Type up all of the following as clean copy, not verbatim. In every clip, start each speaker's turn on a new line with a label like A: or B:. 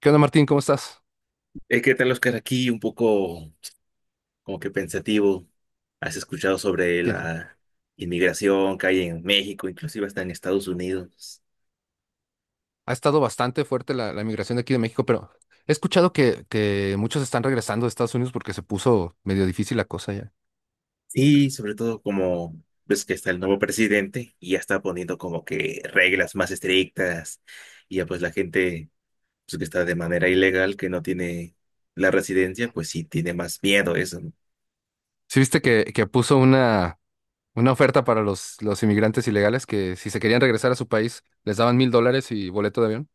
A: ¿Qué onda, Martín? ¿Cómo estás?
B: ¿Qué tal, Oscar? Aquí un poco como que pensativo. ¿Has escuchado sobre
A: ¿Qué-
B: la inmigración que hay en México, inclusive hasta en Estados Unidos?
A: Ha estado bastante fuerte la migración de aquí de México, pero he escuchado que muchos están regresando de Estados Unidos porque se puso medio difícil la cosa ya.
B: Sí, sobre todo como ves que está el nuevo presidente y ya está poniendo como que reglas más estrictas, y ya pues la gente, pues, que está de manera ilegal, que no tiene la residencia, pues sí tiene más miedo a eso, ¿no?
A: ¿Sí viste que puso una oferta para los inmigrantes ilegales que si se querían regresar a su país les daban $1,000 y boleto de avión?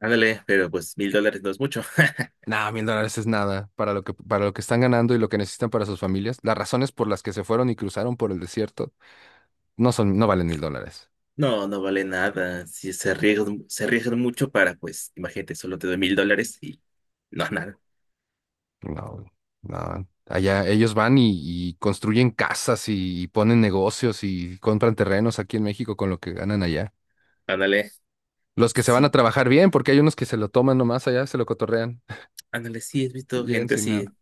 B: Ándale, pero pues $1,000 no es mucho.
A: Nah, $1,000 es nada para lo que están ganando y lo que necesitan para sus familias. Las razones por las que se fueron y cruzaron por el desierto no valen $1,000.
B: No, no vale nada. Si se arriesgan, mucho para, pues, imagínate, solo te doy $1,000 y no, nada.
A: No, no. Allá ellos van y construyen casas y, ponen negocios y compran terrenos aquí en México con lo que ganan allá.
B: Ándale.
A: Los que se van a
B: Sí,
A: trabajar bien, porque hay unos que se lo toman nomás allá, se lo cotorrean,
B: ándale, sí, has
A: y
B: visto
A: llegan
B: gente
A: sin nada.
B: así.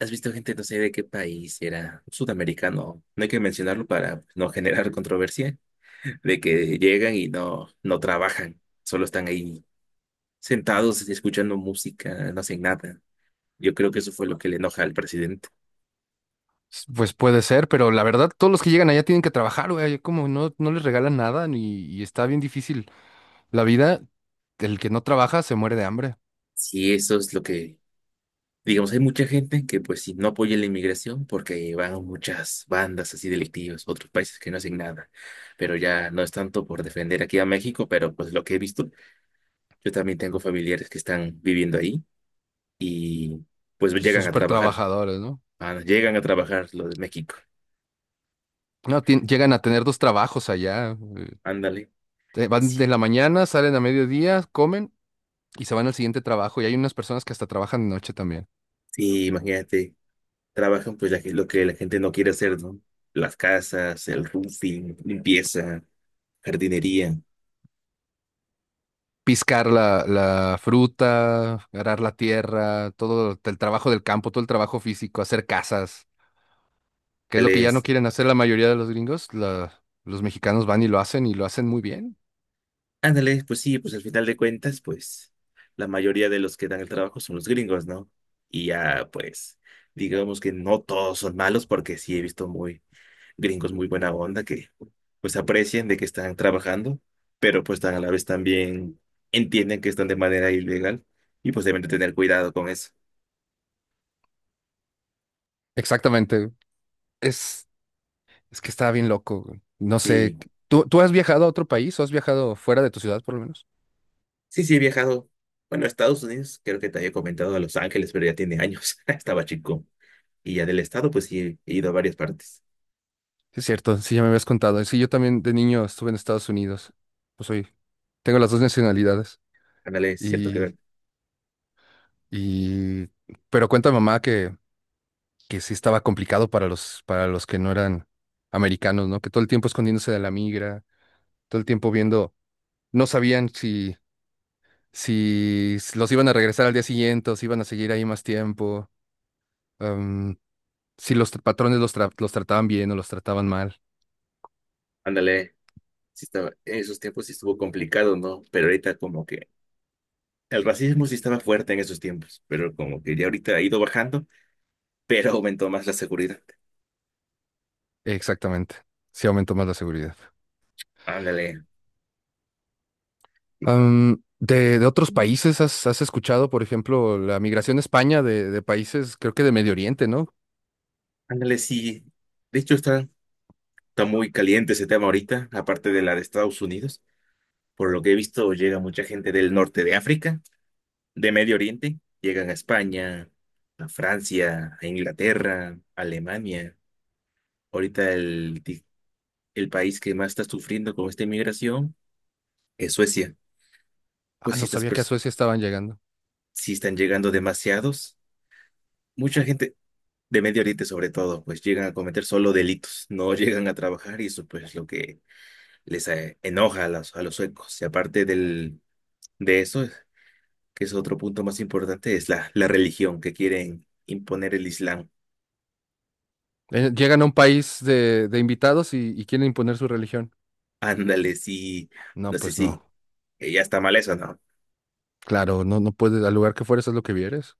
B: Has visto gente, no sé de qué país si era, sudamericano. No hay que mencionarlo para, pues, no generar controversia, de que llegan y no, no trabajan, solo están ahí sentados escuchando música, no hacen nada. Yo creo que eso fue lo que le enoja al presidente.
A: Pues puede ser, pero la verdad, todos los que llegan allá tienen que trabajar, güey. Como no les regalan nada ni, y está bien difícil. La vida, el que no trabaja se muere de hambre.
B: Sí, eso es lo que. Digamos, hay mucha gente que pues sí, no apoya la inmigración porque van muchas bandas así delictivas, otros países que no hacen nada, pero ya no es tanto por defender aquí a México, pero pues lo que he visto, yo también tengo familiares que están viviendo ahí y pues
A: Son
B: llegan a
A: súper
B: trabajar,
A: trabajadores, ¿no?
B: ah, llegan a trabajar lo de México,
A: No, llegan a tener 2 trabajos allá.
B: ándale,
A: Van de
B: sí,
A: la mañana, salen a mediodía, comen y se van al siguiente trabajo. Y hay unas personas que hasta trabajan de noche también.
B: sí, imagínate, trabajan pues lo que la gente no quiere hacer, ¿no? Las casas, el roofing, limpieza, jardinería.
A: Piscar la fruta, arar la tierra, todo el trabajo del campo, todo el trabajo físico, hacer casas, que es lo que ya no quieren hacer la mayoría de los gringos. Los mexicanos van y lo hacen muy bien.
B: Ándale, pues sí, pues al final de cuentas, pues la mayoría de los que dan el trabajo son los gringos, ¿no? Y ya, pues, digamos que no todos son malos, porque sí he visto muy gringos muy buena onda que pues aprecian de que están trabajando, pero pues tan a la vez también entienden que están de manera ilegal y pues deben de tener cuidado con eso.
A: Exactamente. Es, es que estaba bien loco, güey. No sé.
B: Sí,
A: ¿Tú has viajado a otro país o has viajado fuera de tu ciudad, por lo menos?
B: sí, sí, he viajado. Bueno, a Estados Unidos, creo que te había comentado, a Los Ángeles, pero ya tiene años, estaba chico. Y ya del estado, pues sí, he ido a varias partes.
A: Sí, es cierto, sí, ya me habías contado. Sí, yo también de niño estuve en Estados Unidos. Pues soy, Tengo las dos nacionalidades.
B: Ándale, es cierto
A: Y
B: que.
A: Y, pero cuenta mamá que sí estaba complicado para los que no eran americanos, ¿no? Que todo el tiempo escondiéndose de la migra, todo el tiempo viendo, no sabían si los iban a regresar al día siguiente o si iban a seguir ahí más tiempo, am, si los patrones los trataban bien o los trataban mal.
B: Ándale, sí estaba, en esos tiempos sí estuvo complicado, ¿no? Pero ahorita como que el racismo sí estaba fuerte en esos tiempos, pero como que ya ahorita ha ido bajando, pero aumentó más la seguridad.
A: Exactamente. Sí aumentó más la seguridad.
B: Ándale, sí.
A: De otros países, has escuchado, por ejemplo, la migración a España de países, creo que de Medio Oriente, ¿no?
B: Ándale, sí. De hecho, está, muy caliente ese tema ahorita, aparte de la de Estados Unidos. Por lo que he visto, llega mucha gente del norte de África, de Medio Oriente, llegan a España, a Francia, a Inglaterra, a Alemania. Ahorita el país que más está sufriendo con esta inmigración en Suecia,
A: Ah,
B: pues
A: no
B: si estas
A: sabía que a
B: pers-
A: Suecia estaban llegando.
B: sí están llegando demasiados, mucha gente de Medio Oriente sobre todo, pues llegan a cometer solo delitos, no llegan a trabajar, y eso pues es lo que les enoja a los, suecos. Y aparte de eso, que es otro punto más importante, es la, religión que quieren imponer, el Islam.
A: Llegan a un país de invitados y quieren imponer su religión.
B: Ándale, sí,
A: No,
B: no sé
A: pues no.
B: si ya está mal eso, ¿no?
A: Claro, no puedes, al lugar que fueres, haz lo que vieres.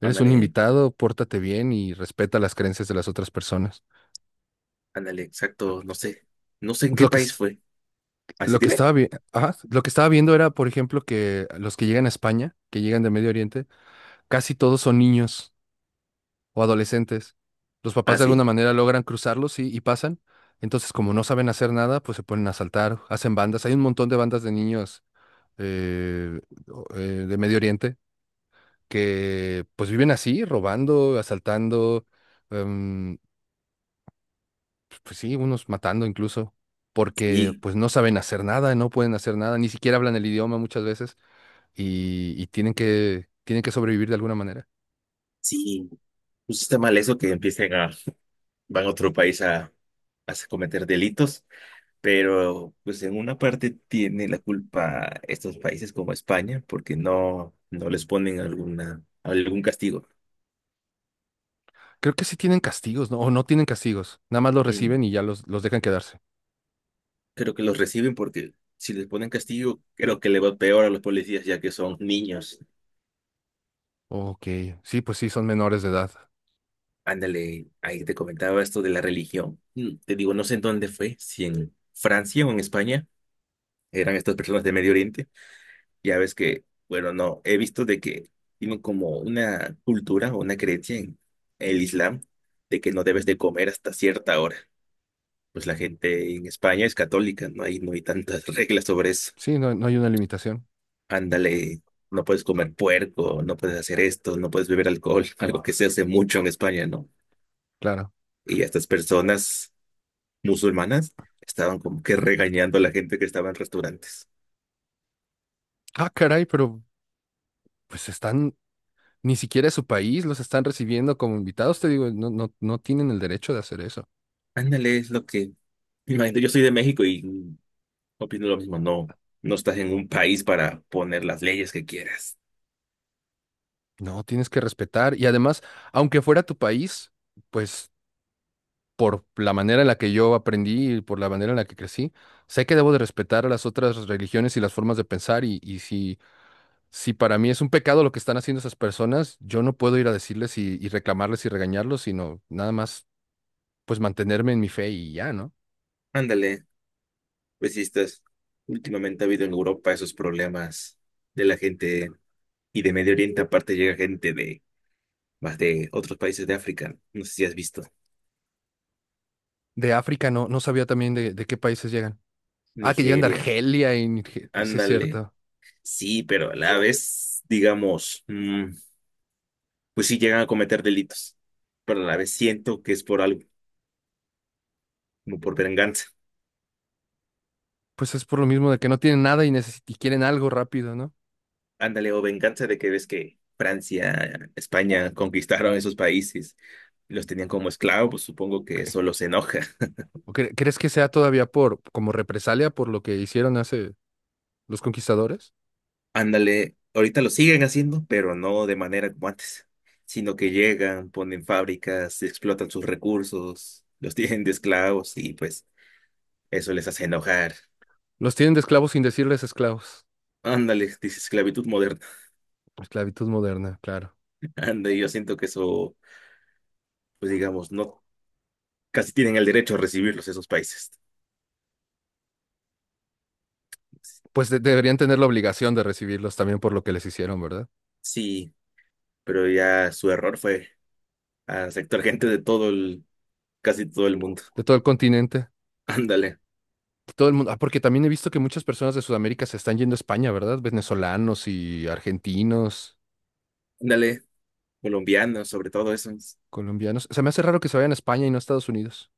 A: Eres un
B: Ándale,
A: invitado, pórtate bien y respeta las creencias de las otras personas.
B: ándale, exacto, no sé, en qué
A: Lo que,
B: país
A: es-
B: fue. Así dime.
A: lo que estaba viendo era, por ejemplo, que los que llegan a España, que llegan de Medio Oriente, casi todos son niños. O adolescentes. Los papás
B: Ah,
A: de alguna
B: sí,
A: manera logran cruzarlos y pasan. Entonces, como no saben hacer nada, pues se ponen a asaltar, hacen bandas. Hay un montón de bandas de niños eh, o- eh, de Medio Oriente que pues viven así, robando, asaltando, em, pues sí, unos matando incluso, porque
B: sí,
A: pues no saben hacer nada, no pueden hacer nada, ni siquiera hablan el idioma muchas veces y, tienen que sobrevivir de alguna manera.
B: sí. Pues está mal eso que empiecen a, van a otro país a, cometer delitos, pero pues en una parte tiene la culpa estos países como España, porque no, no les ponen algún castigo.
A: Creo que sí tienen castigos, ¿no? O no tienen castigos. Nada más los
B: Mm.
A: reciben y ya los dejan quedarse.
B: Creo que los reciben porque si les ponen castigo, creo que le va peor a los policías ya que son niños.
A: Ok, sí, pues sí, son menores de edad.
B: Ándale, ahí te comentaba esto de la religión. Te digo, no sé en dónde fue, si en Francia o en España, eran estas personas de Medio Oriente. Ya ves que, bueno, no, he visto de que tienen como una cultura o una creencia en el Islam de que no debes de comer hasta cierta hora. Pues la gente en España es católica, no hay, tantas reglas sobre eso.
A: Sí, no, no hay una limitación,
B: Ándale, no puedes comer puerco, no puedes hacer esto, no puedes beber alcohol, algo que se hace mucho en España, ¿no?
A: claro.
B: Y estas personas musulmanas estaban como que regañando a la gente que estaba en restaurantes.
A: Ah, caray, pero pues están, ni siquiera es su país, los están recibiendo como invitados, te digo, no tienen el derecho de hacer eso.
B: Ándale, es lo que. Imagínate, yo soy de México y opino lo mismo, no. No estás en un país para poner las leyes que quieras.
A: No, tienes que respetar. Y además, aunque fuera tu país, pues por la manera en la que yo aprendí y por la manera en la que crecí, sé que debo de respetar a las otras religiones y las formas de pensar. Y si para mí es un pecado lo que están haciendo esas personas, yo no puedo ir a decirles y reclamarles y regañarlos, sino nada más pues mantenerme en mi fe y ya, ¿no?
B: Ándale, pues sí estás. Últimamente ha habido en Europa esos problemas de la gente, y de Medio Oriente, aparte llega gente de más de otros países de África. No sé si has visto.
A: De África no, no sabía también de qué países llegan. Ah, que llegan de
B: Nigeria.
A: Argelia y sí es
B: Ándale.
A: cierto.
B: Sí, pero a la vez, digamos, pues sí llegan a cometer delitos. Pero a la vez siento que es por algo, como por venganza.
A: Pues es por lo mismo de que no tienen nada y, y quieren algo rápido, ¿no?
B: Ándale, o venganza de que ves que Francia, España conquistaron esos países, los tenían como esclavos, pues supongo
A: Ok.
B: que eso los enoja.
A: Crees que sea todavía por como represalia por lo que hicieron hace los conquistadores?
B: Ándale, ahorita lo siguen haciendo, pero no de manera como antes, sino que llegan, ponen fábricas, explotan sus recursos, los tienen de esclavos, y pues eso les hace enojar.
A: Los tienen de esclavos sin decirles esclavos.
B: Ándale, dice esclavitud moderna.
A: Esclavitud moderna, claro.
B: Anda, y yo siento que eso, pues digamos, no, casi tienen el derecho a recibirlos esos países.
A: Pues deberían tener la obligación de recibirlos también por lo que les hicieron, ¿verdad?
B: Sí, pero ya su error fue aceptar gente de todo el, casi todo el mundo.
A: De todo el continente.
B: Ándale,
A: Todo el mundo, ah, porque también he visto que muchas personas de Sudamérica se están yendo a España, ¿verdad? Venezolanos y argentinos,
B: ándale, colombianos, sobre todo esos.
A: colombianos. Se me hace raro que se vayan a España y no a Estados Unidos.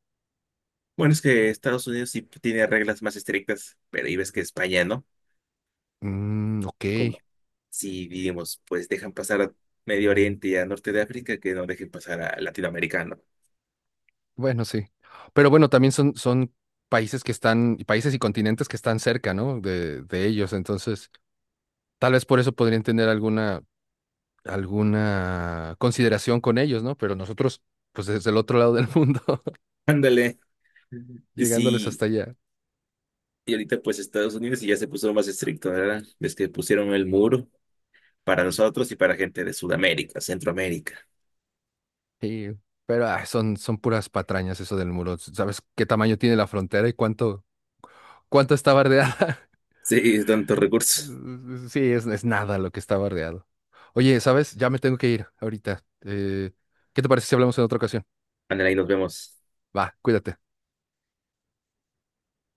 B: Bueno, es que Estados Unidos sí tiene reglas más estrictas, pero ahí ves que España, ¿no?
A: Mm, ok,
B: Como si, digamos, pues dejan pasar a Medio Oriente y a Norte de África, que no dejen pasar a Latinoamericano.
A: bueno, sí. Pero bueno, también son países que están, países y continentes que están cerca, ¿no? De ellos. Entonces, tal vez por eso podrían tener alguna consideración con ellos, ¿no? Pero nosotros, pues desde el otro lado del mundo,
B: Ándale. Ujú.
A: llegándoles
B: Sí,
A: hasta allá.
B: y ahorita pues Estados Unidos sí ya se puso más estricto, ¿verdad? Ves que pusieron el muro para nosotros y para gente de Sudamérica, Centroamérica.
A: Sí, pero ah, son puras patrañas eso del muro. ¿Sabes qué tamaño tiene la frontera y cuánto está bardeada?
B: Sí, tantos recursos.
A: Mm, sí, es nada lo que está bardeado. Oye, ¿sabes? Ya me tengo que ir ahorita. ¿Qué te parece si hablamos en otra ocasión?
B: Ándale, ahí nos vemos.
A: Va, cuídate.